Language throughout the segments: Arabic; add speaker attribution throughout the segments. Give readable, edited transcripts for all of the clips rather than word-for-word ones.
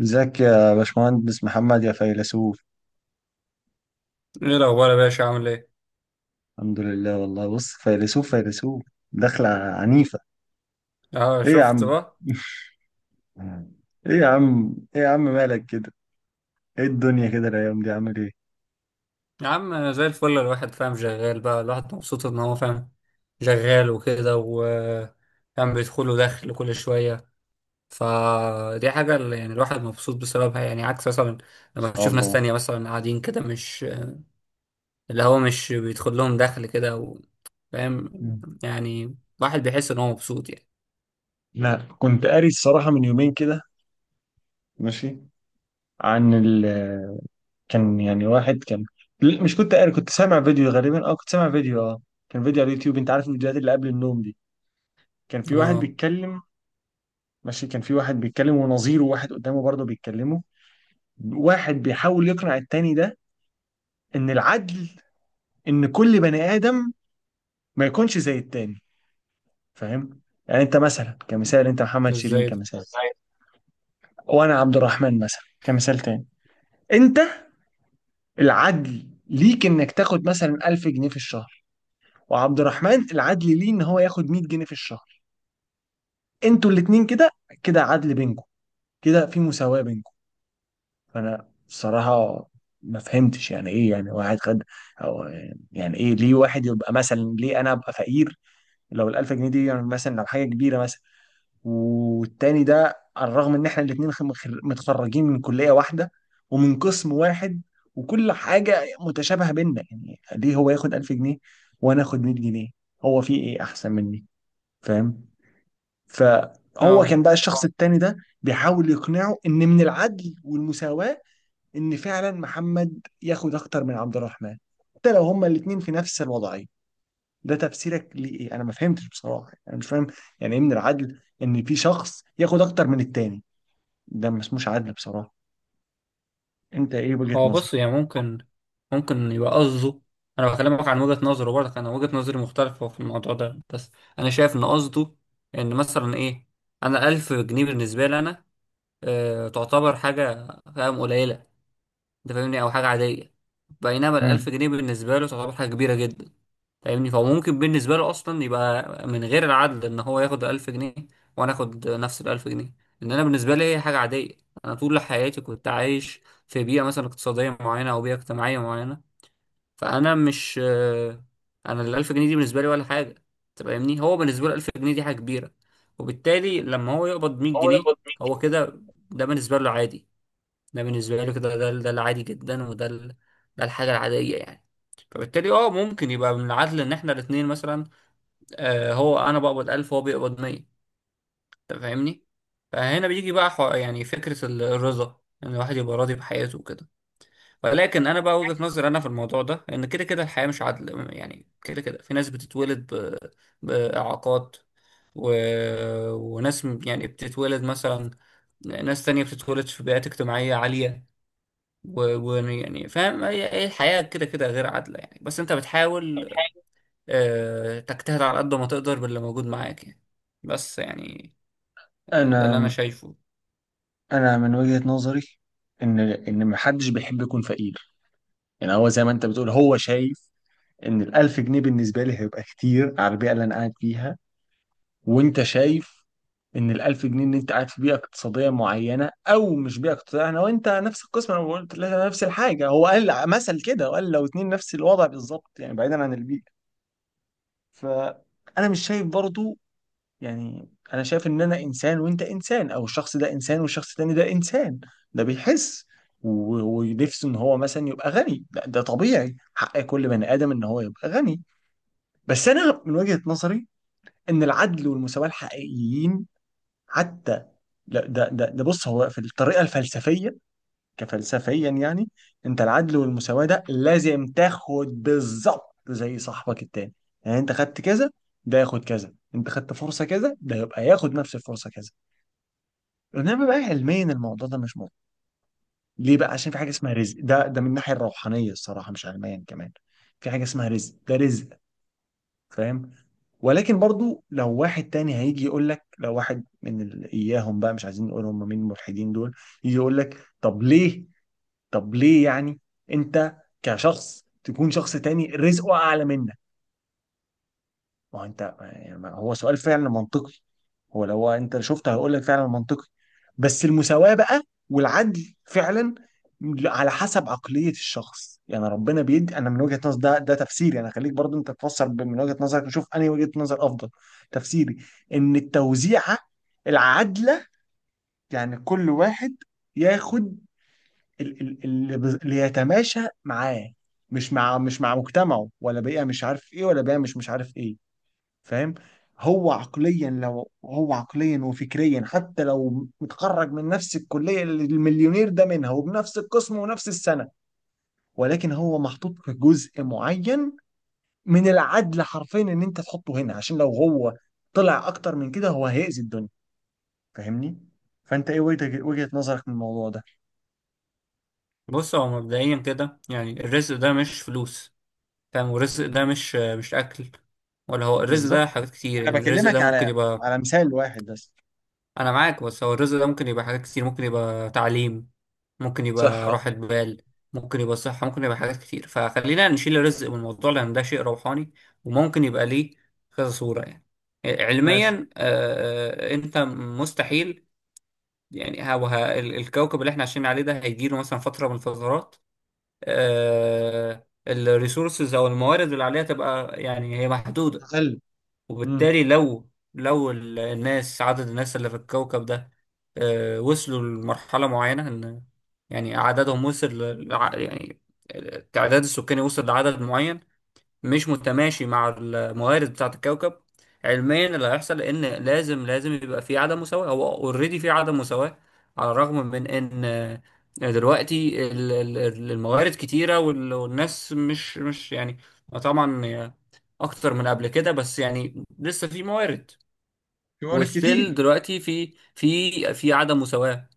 Speaker 1: ازيك يا باشمهندس محمد يا فيلسوف.
Speaker 2: ايه الاخبار يا باشا، عامل ايه؟
Speaker 1: الحمد لله والله. بص فيلسوف فيلسوف، دخلة عنيفة.
Speaker 2: اه،
Speaker 1: ايه يا
Speaker 2: شفت
Speaker 1: عم.
Speaker 2: بقى.
Speaker 1: ايه يا عم ايه يا عم مالك كده؟ ايه الدنيا كده الايام دي؟ عامل ايه؟ ان
Speaker 2: يا عم زي الفل، الواحد فاهم شغال بقى، الواحد مبسوط ان هو فاهم شغال وكده، و كان بيدخله دخل كل شويه. فدي حاجه اللي يعني الواحد مبسوط بسببها، يعني عكس مثلا لما
Speaker 1: شاء
Speaker 2: بتشوف ناس
Speaker 1: الله.
Speaker 2: تانية مثلا قاعدين كده، مش اللي هو مش بيدخل لهم دخل كده. و... فاهم؟
Speaker 1: مم.
Speaker 2: يعني الواحد بيحس ان هو مبسوط يعني.
Speaker 1: لا، كنت قاري الصراحة من يومين كده. ماشي. عن ال كان يعني واحد كان لا، مش كنت قاري، كنت سامع فيديو غالبا، اه كنت سامع فيديو، اه كان فيديو على اليوتيوب. انت عارف الفيديوهات اللي قبل النوم دي، كان في واحد
Speaker 2: اه،
Speaker 1: بيتكلم. ماشي، كان في واحد بيتكلم ونظيره واحد قدامه برضه بيتكلموا. واحد بيحاول يقنع التاني ده ان العدل، ان كل بني ادم ما يكونش زي التاني، فاهم؟ يعني انت مثلا كمثال، انت محمد شيرين
Speaker 2: ازاي ده؟
Speaker 1: كمثال، وانا عبد الرحمن مثلا كمثال تاني. انت العدل ليك انك تاخد مثلا 1000 جنيه في الشهر، وعبد الرحمن العدل ليه ان هو ياخد 100 جنيه في الشهر. انتوا الاتنين كده، كده عدل بينكم، كده في مساواة بينكم. فانا بصراحة ما فهمتش يعني ايه. يعني واحد خد أو يعني ايه؟ ليه واحد يبقى مثلا، ليه انا ابقى فقير لو الألف جنيه دي يعني مثلا لو حاجة كبيرة مثلا، والتاني ده على الرغم إن إحنا الاتنين متخرجين من كلية واحدة ومن قسم واحد وكل حاجة متشابهة بينا؟ يعني ليه هو ياخد 1000 جنيه وأنا آخد 100 جنيه؟ هو في إيه أحسن مني؟ فاهم؟ فهو
Speaker 2: اه
Speaker 1: كان بقى الشخص التاني ده بيحاول يقنعه إن من العدل والمساواة إن فعلا محمد ياخد أكتر من عبد الرحمن، حتى لو هما الاتنين في نفس الوضعية. ده تفسيرك لإيه؟ أنا ما فهمتش بصراحة، أنا مش فاهم يعني إيه من العدل إن في شخص ياخد أكتر من التاني. ده ما اسموش عدل بصراحة. أنت إيه وجهة
Speaker 2: هو
Speaker 1: نظرك؟
Speaker 2: بص، يعني ممكن يبقى قصده. انا بكلمك عن وجهة نظره برضك، انا وجهة نظري مختلفة في الموضوع ده بس. انا شايف ان قصده ان مثلا ايه، انا 1000 جنيه بالنسبة لي انا تعتبر حاجة، فاهم؟ قليلة، انت فاهمني؟ او حاجة عادية. بينما
Speaker 1: مم.
Speaker 2: الألف جنيه بالنسبة له تعتبر حاجة كبيرة جدا. فاهمني؟ فهو ممكن بالنسبة له أصلا يبقى من غير العدل إن هو ياخد ألف جنيه وأنا آخد نفس الألف جنيه، لأن أنا بالنسبة لي هي حاجة عادية. أنا طول حياتي كنت عايش في بيئة مثلا اقتصادية معينة أو بيئة اجتماعية معينة. فأنا مش أنا الألف جنيه دي بالنسبة لي ولا حاجة. أنت فاهمني؟ هو بالنسبة له ألف جنيه دي حاجة كبيرة، وبالتالي لما هو يقبض مية
Speaker 1: هو
Speaker 2: جنيه
Speaker 1: يقبض مين؟
Speaker 2: هو كده، ده بالنسبة له عادي، ده بالنسبة له كده، ده العادي جدا، وده ده الحاجة العادية يعني. فبالتالي ممكن يبقى من العدل ان احنا الاتنين مثلا، هو انا بقبض 1000 وهو بيقبض 100، انت فاهمني؟ فهنا بيجي بقى يعني فكرة الرضا ان الواحد يبقى راضي بحياته وكده. ولكن انا بقى وجهة نظري انا في الموضوع ده ان كده كده الحياة مش عدل، يعني كده كده في ناس بتتولد بإعاقات و... وناس يعني بتتولد مثلا، ناس تانية بتتولد في بيئات اجتماعية عالية. ويعني فاهم، هي هي الحياة كده كده غير عادلة يعني. بس انت بتحاول، تجتهد على قد ما تقدر باللي موجود معاك يعني. بس يعني ده اللي انا
Speaker 1: انا
Speaker 2: شايفه.
Speaker 1: انا من وجهة نظري ان ان محدش بيحب يكون فقير. يعني هو زي ما انت بتقول، هو شايف ان الألف جنيه بالنسبة لي هيبقى كتير على البيئة اللي انا قاعد فيها، وانت شايف ان الألف جنيه، ان انت قاعد في بيئه اقتصاديه معينه. او مش بيئه اقتصاديه، انا وانت نفس القسم، انا قلت لها نفس الحاجه، هو قال مثل كده وقال لو اتنين نفس الوضع بالظبط يعني بعيدا عن البيئه. فانا مش شايف برضو، يعني انا شايف ان انا انسان وانت انسان، او الشخص ده انسان والشخص التاني ده انسان، ده بيحس و- ونفسه ان هو مثلا يبقى غني. ده طبيعي حق كل بني ادم ان هو يبقى غني. بس انا من وجهة نظري ان العدل والمساواة الحقيقيين، حتى لا، ده بص، هو في الطريقه الفلسفيه، كفلسفيا يعني، انت العدل والمساواه ده لازم تاخد بالظبط زي صاحبك التاني. يعني انت خدت كذا ده ياخد كذا، انت خدت فرصه كذا ده يبقى ياخد نفس الفرصه كذا. انما بقى علميا الموضوع ده مش موجود. ليه بقى؟ عشان في حاجه اسمها رزق. ده من الناحيه الروحانيه الصراحه، مش علميا كمان، في حاجه اسمها رزق، ده رزق، فاهم؟ ولكن برضو لو واحد تاني هيجي يقول لك، لو واحد من اياهم بقى، مش عايزين نقول هم مين، الملحدين دول، يجي يقول لك طب ليه؟ طب ليه يعني انت كشخص تكون شخص تاني رزقه اعلى منك؟ ما هو انت يعني، هو سؤال فعلا منطقي، هو لو انت شفته هقول لك فعلا منطقي. بس المساواة بقى والعدل فعلا على حسب عقلية الشخص يعني. ربنا بيدي انا من وجهة نظر، ده تفسيري انا. خليك برضو انت تفسر من وجهة نظرك، نشوف انهي وجهة نظر افضل. تفسيري ان التوزيعة العادلة يعني كل واحد ياخد اللي يتماشى معاه، مش مع مجتمعه ولا بيئة مش عارف ايه ولا بيئة مش عارف ايه، فاهم؟ هو عقليا، لو هو عقليا وفكريا حتى لو متخرج من نفس الكلية اللي المليونير ده منها وبنفس القسم ونفس السنة، ولكن هو محطوط في جزء معين. من العدل حرفيا ان انت تحطه هنا، عشان لو هو طلع اكتر من كده هو هيأذي الدنيا، فاهمني؟ فانت ايه وجهة نظرك من الموضوع ده؟
Speaker 2: بص هو مبدئيا كده، يعني الرزق ده مش فلوس. فاهم؟ والرزق ده مش اكل، ولا هو الرزق ده
Speaker 1: بالظبط،
Speaker 2: حاجات كتير.
Speaker 1: انا
Speaker 2: يعني الرزق
Speaker 1: بكلمك
Speaker 2: ده ممكن
Speaker 1: على
Speaker 2: يبقى،
Speaker 1: على مثال واحد بس.
Speaker 2: انا معاك، بس هو الرزق ده ممكن يبقى حاجات كتير، ممكن يبقى تعليم، ممكن يبقى
Speaker 1: صحة.
Speaker 2: راحة بال، ممكن يبقى صحة، ممكن يبقى حاجات كتير. فخلينا نشيل الرزق من الموضوع لان ده شيء روحاني، وممكن يبقى ليه كذا صورة يعني.
Speaker 1: ماشي.
Speaker 2: علميا انت مستحيل. يعني ها وها الكوكب اللي احنا عايشين عليه ده هيجيله مثلا فترة من الفترات، الريسورسز او الموارد اللي عليها تبقى يعني هي محدودة.
Speaker 1: أقل. امم.
Speaker 2: وبالتالي لو الناس، عدد الناس اللي في الكوكب ده وصلوا لمرحلة معينة ان، يعني عددهم وصل يعني التعداد السكاني وصل لعدد معين مش متماشي مع الموارد بتاعة الكوكب. علميا اللي هيحصل ان لازم لازم يبقى في عدم مساواة، هو اوريدي في عدم مساواة. على الرغم من ان دلوقتي الموارد كتيرة والناس مش يعني، طبعا اكتر من قبل كده، بس يعني لسه في موارد.
Speaker 1: في موارد
Speaker 2: وستيل
Speaker 1: كتير.
Speaker 2: دلوقتي في عدم مساواة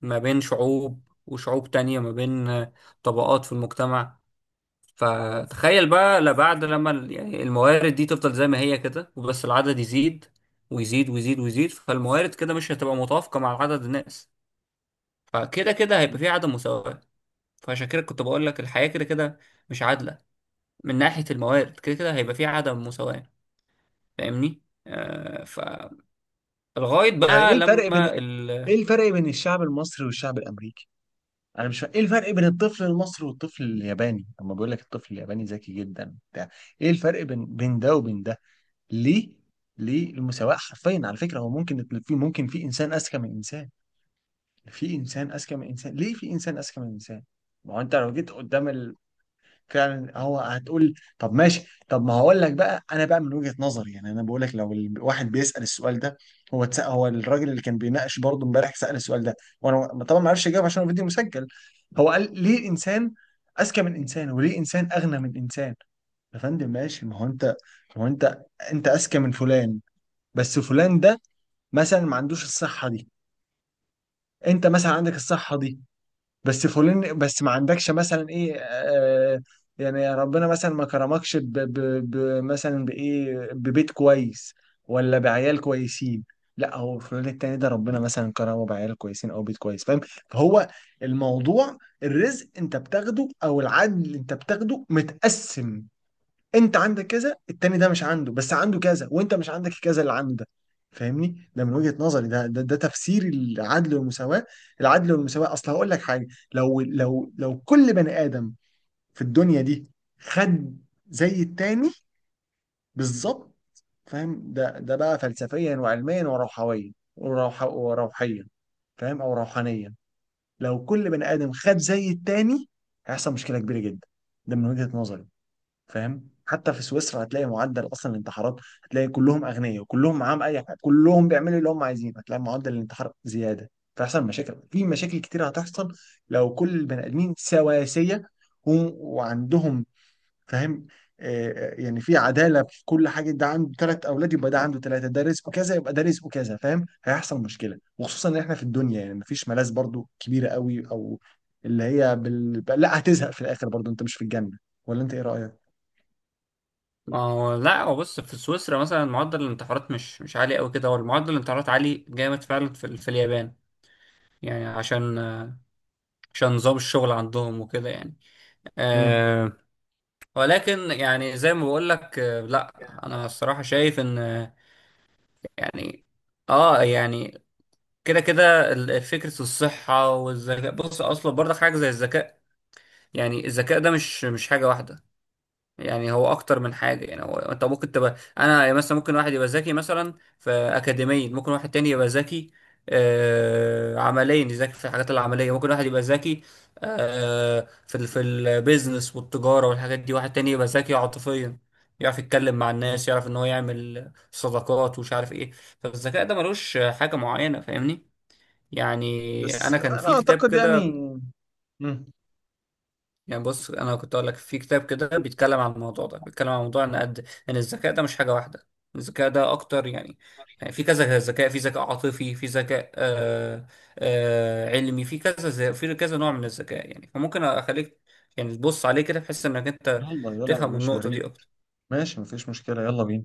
Speaker 2: ما بين شعوب وشعوب تانية، ما بين طبقات في المجتمع. فتخيل بقى لبعد لما يعني الموارد دي تفضل زي ما هي كده وبس العدد يزيد ويزيد ويزيد ويزيد فالموارد كده مش هتبقى متوافقة مع عدد الناس، فكده كده هيبقى في عدم مساواة. فعشان كده كنت بقول لك الحياة كده كده مش عادلة، من ناحية الموارد كده كده هيبقى في عدم مساواة. فاهمني؟ فالغاية
Speaker 1: يعني ايه
Speaker 2: بقى
Speaker 1: الفرق بين،
Speaker 2: لما
Speaker 1: ايه الفرق بين الشعب المصري والشعب الامريكي؟ انا مش فا... ايه الفرق بين الطفل المصري والطفل الياباني؟ اما بيقول لك الطفل الياباني ذكي جدا بتاع، ايه الفرق بين بين ده وبين ده؟ ليه؟ ليه المساواه حرفيا على فكره؟ هو ممكن في ممكن في انسان اذكى من انسان، في انسان اذكى من انسان. ليه في انسان اذكى من انسان؟ ما هو انت لو جيت قدام فعلا هو هتقول، طب ماشي، طب ما هقول لك بقى انا. بقى من وجهة نظري، يعني انا بقول لك لو الواحد بيسأل السؤال ده، هو هو الراجل اللي كان بيناقش برضه امبارح سأل السؤال ده، وانا طبعا ما اعرفش اجاوب عشان هو الفيديو مسجل. هو قال ليه انسان اذكى من انسان وليه انسان اغنى من انسان؟ يا فندم ماشي، ما هو انت، ما هو انت، انت اذكى من فلان، بس فلان ده مثلا ما عندوش الصحة دي. انت مثلا عندك الصحة دي بس فلان، بس ما عندكش مثلا ايه، آه يعني ربنا مثلا ما كرمكش ب مثلا بايه؟ ببيت كويس ولا بعيال كويسين. لا، هو فلان التاني ده ربنا مثلا كرمه بعيال كويسين او بيت كويس، فاهم؟ فهو الموضوع، الرزق انت بتاخده او العدل انت بتاخده متقسم. انت عندك كذا، التاني ده مش عنده بس عنده كذا، وانت مش عندك كذا اللي عنده ده، فاهمني؟ ده من وجهة نظري، ده تفسير العدل والمساواة. العدل والمساواة، اصل هقول لك حاجة، لو لو لو كل بني آدم في الدنيا دي خد زي التاني بالظبط، فاهم؟ ده بقى فلسفيا وعلميا وروحويا وروح وروحيا، فاهم؟ او روحانيا. لو كل بني آدم خد زي التاني هيحصل مشكلة كبيرة جدا، ده من وجهة نظري، فاهم؟ حتى في سويسرا هتلاقي معدل اصلا الانتحارات، هتلاقي كلهم اغنياء وكلهم معاهم اي حاجه، كلهم بيعملوا اللي هم عايزين، هتلاقي معدل الانتحار زياده. تحصل مشاكل، في مشاكل كتير هتحصل لو كل البني ادمين سواسيه و- وعندهم، فاهم؟ يعني في عداله في كل حاجه، ده عنده ثلاث اولاد يبقى ده عنده ثلاثه، ده رزقه كذا يبقى ده رزقه كذا، فاهم؟ هيحصل مشكله. وخصوصا ان احنا في الدنيا يعني مفيش ملاذ برضو كبيره قوي او اللي هي لا، هتزهق في الاخر برضو، انت مش في الجنه. ولا انت ايه رايك؟
Speaker 2: ما هو لا، هو بص في سويسرا مثلا معدل الانتحارات مش عالي قوي كده، هو المعدل الانتحارات عالي جامد فعلا في اليابان. يعني عشان نظام الشغل عندهم وكده يعني.
Speaker 1: مم.
Speaker 2: آه. ولكن يعني زي ما بقول لك لا. انا الصراحة شايف ان يعني اه يعني كده كده فكرة الصحة والذكاء. بص اصلا برضه حاجة زي الذكاء، يعني الذكاء ده مش حاجة واحدة. يعني هو اكتر من حاجه، يعني هو انت ممكن تبقى، انا مثلا ممكن واحد يبقى ذكي مثلا في اكاديميا، ممكن واحد تاني يبقى ذكي عمليا، يذاكر في الحاجات العمليه، ممكن واحد يبقى ذكي، في في البيزنس والتجاره والحاجات دي، واحد تاني يبقى ذكي عاطفيا، يعرف يتكلم مع
Speaker 1: مم.
Speaker 2: الناس، يعرف ان هو يعمل صداقات ومش عارف ايه. فالذكاء ده ملوش حاجه معينه. فاهمني؟ يعني
Speaker 1: بس
Speaker 2: انا كان
Speaker 1: انا
Speaker 2: في كتاب
Speaker 1: اعتقد يعني.
Speaker 2: كده،
Speaker 1: مم.
Speaker 2: يعني بص انا كنت اقول لك، في كتاب كده بيتكلم عن الموضوع ده، بيتكلم عن موضوع ان قد ان الذكاء ده مش حاجه واحده، الذكاء ده اكتر يعني. يعني في كذا ذكاء، في ذكاء عاطفي، في ذكاء علمي، في كذا في كذا نوع من الذكاء يعني. فممكن اخليك يعني تبص عليه كده بحيث انك انت
Speaker 1: يلا يلا لا يا
Speaker 2: تفهم
Speaker 1: باشا، يا
Speaker 2: النقطه
Speaker 1: ريت.
Speaker 2: دي اكتر.
Speaker 1: ماشي مفيش مشكلة، يلا بينا.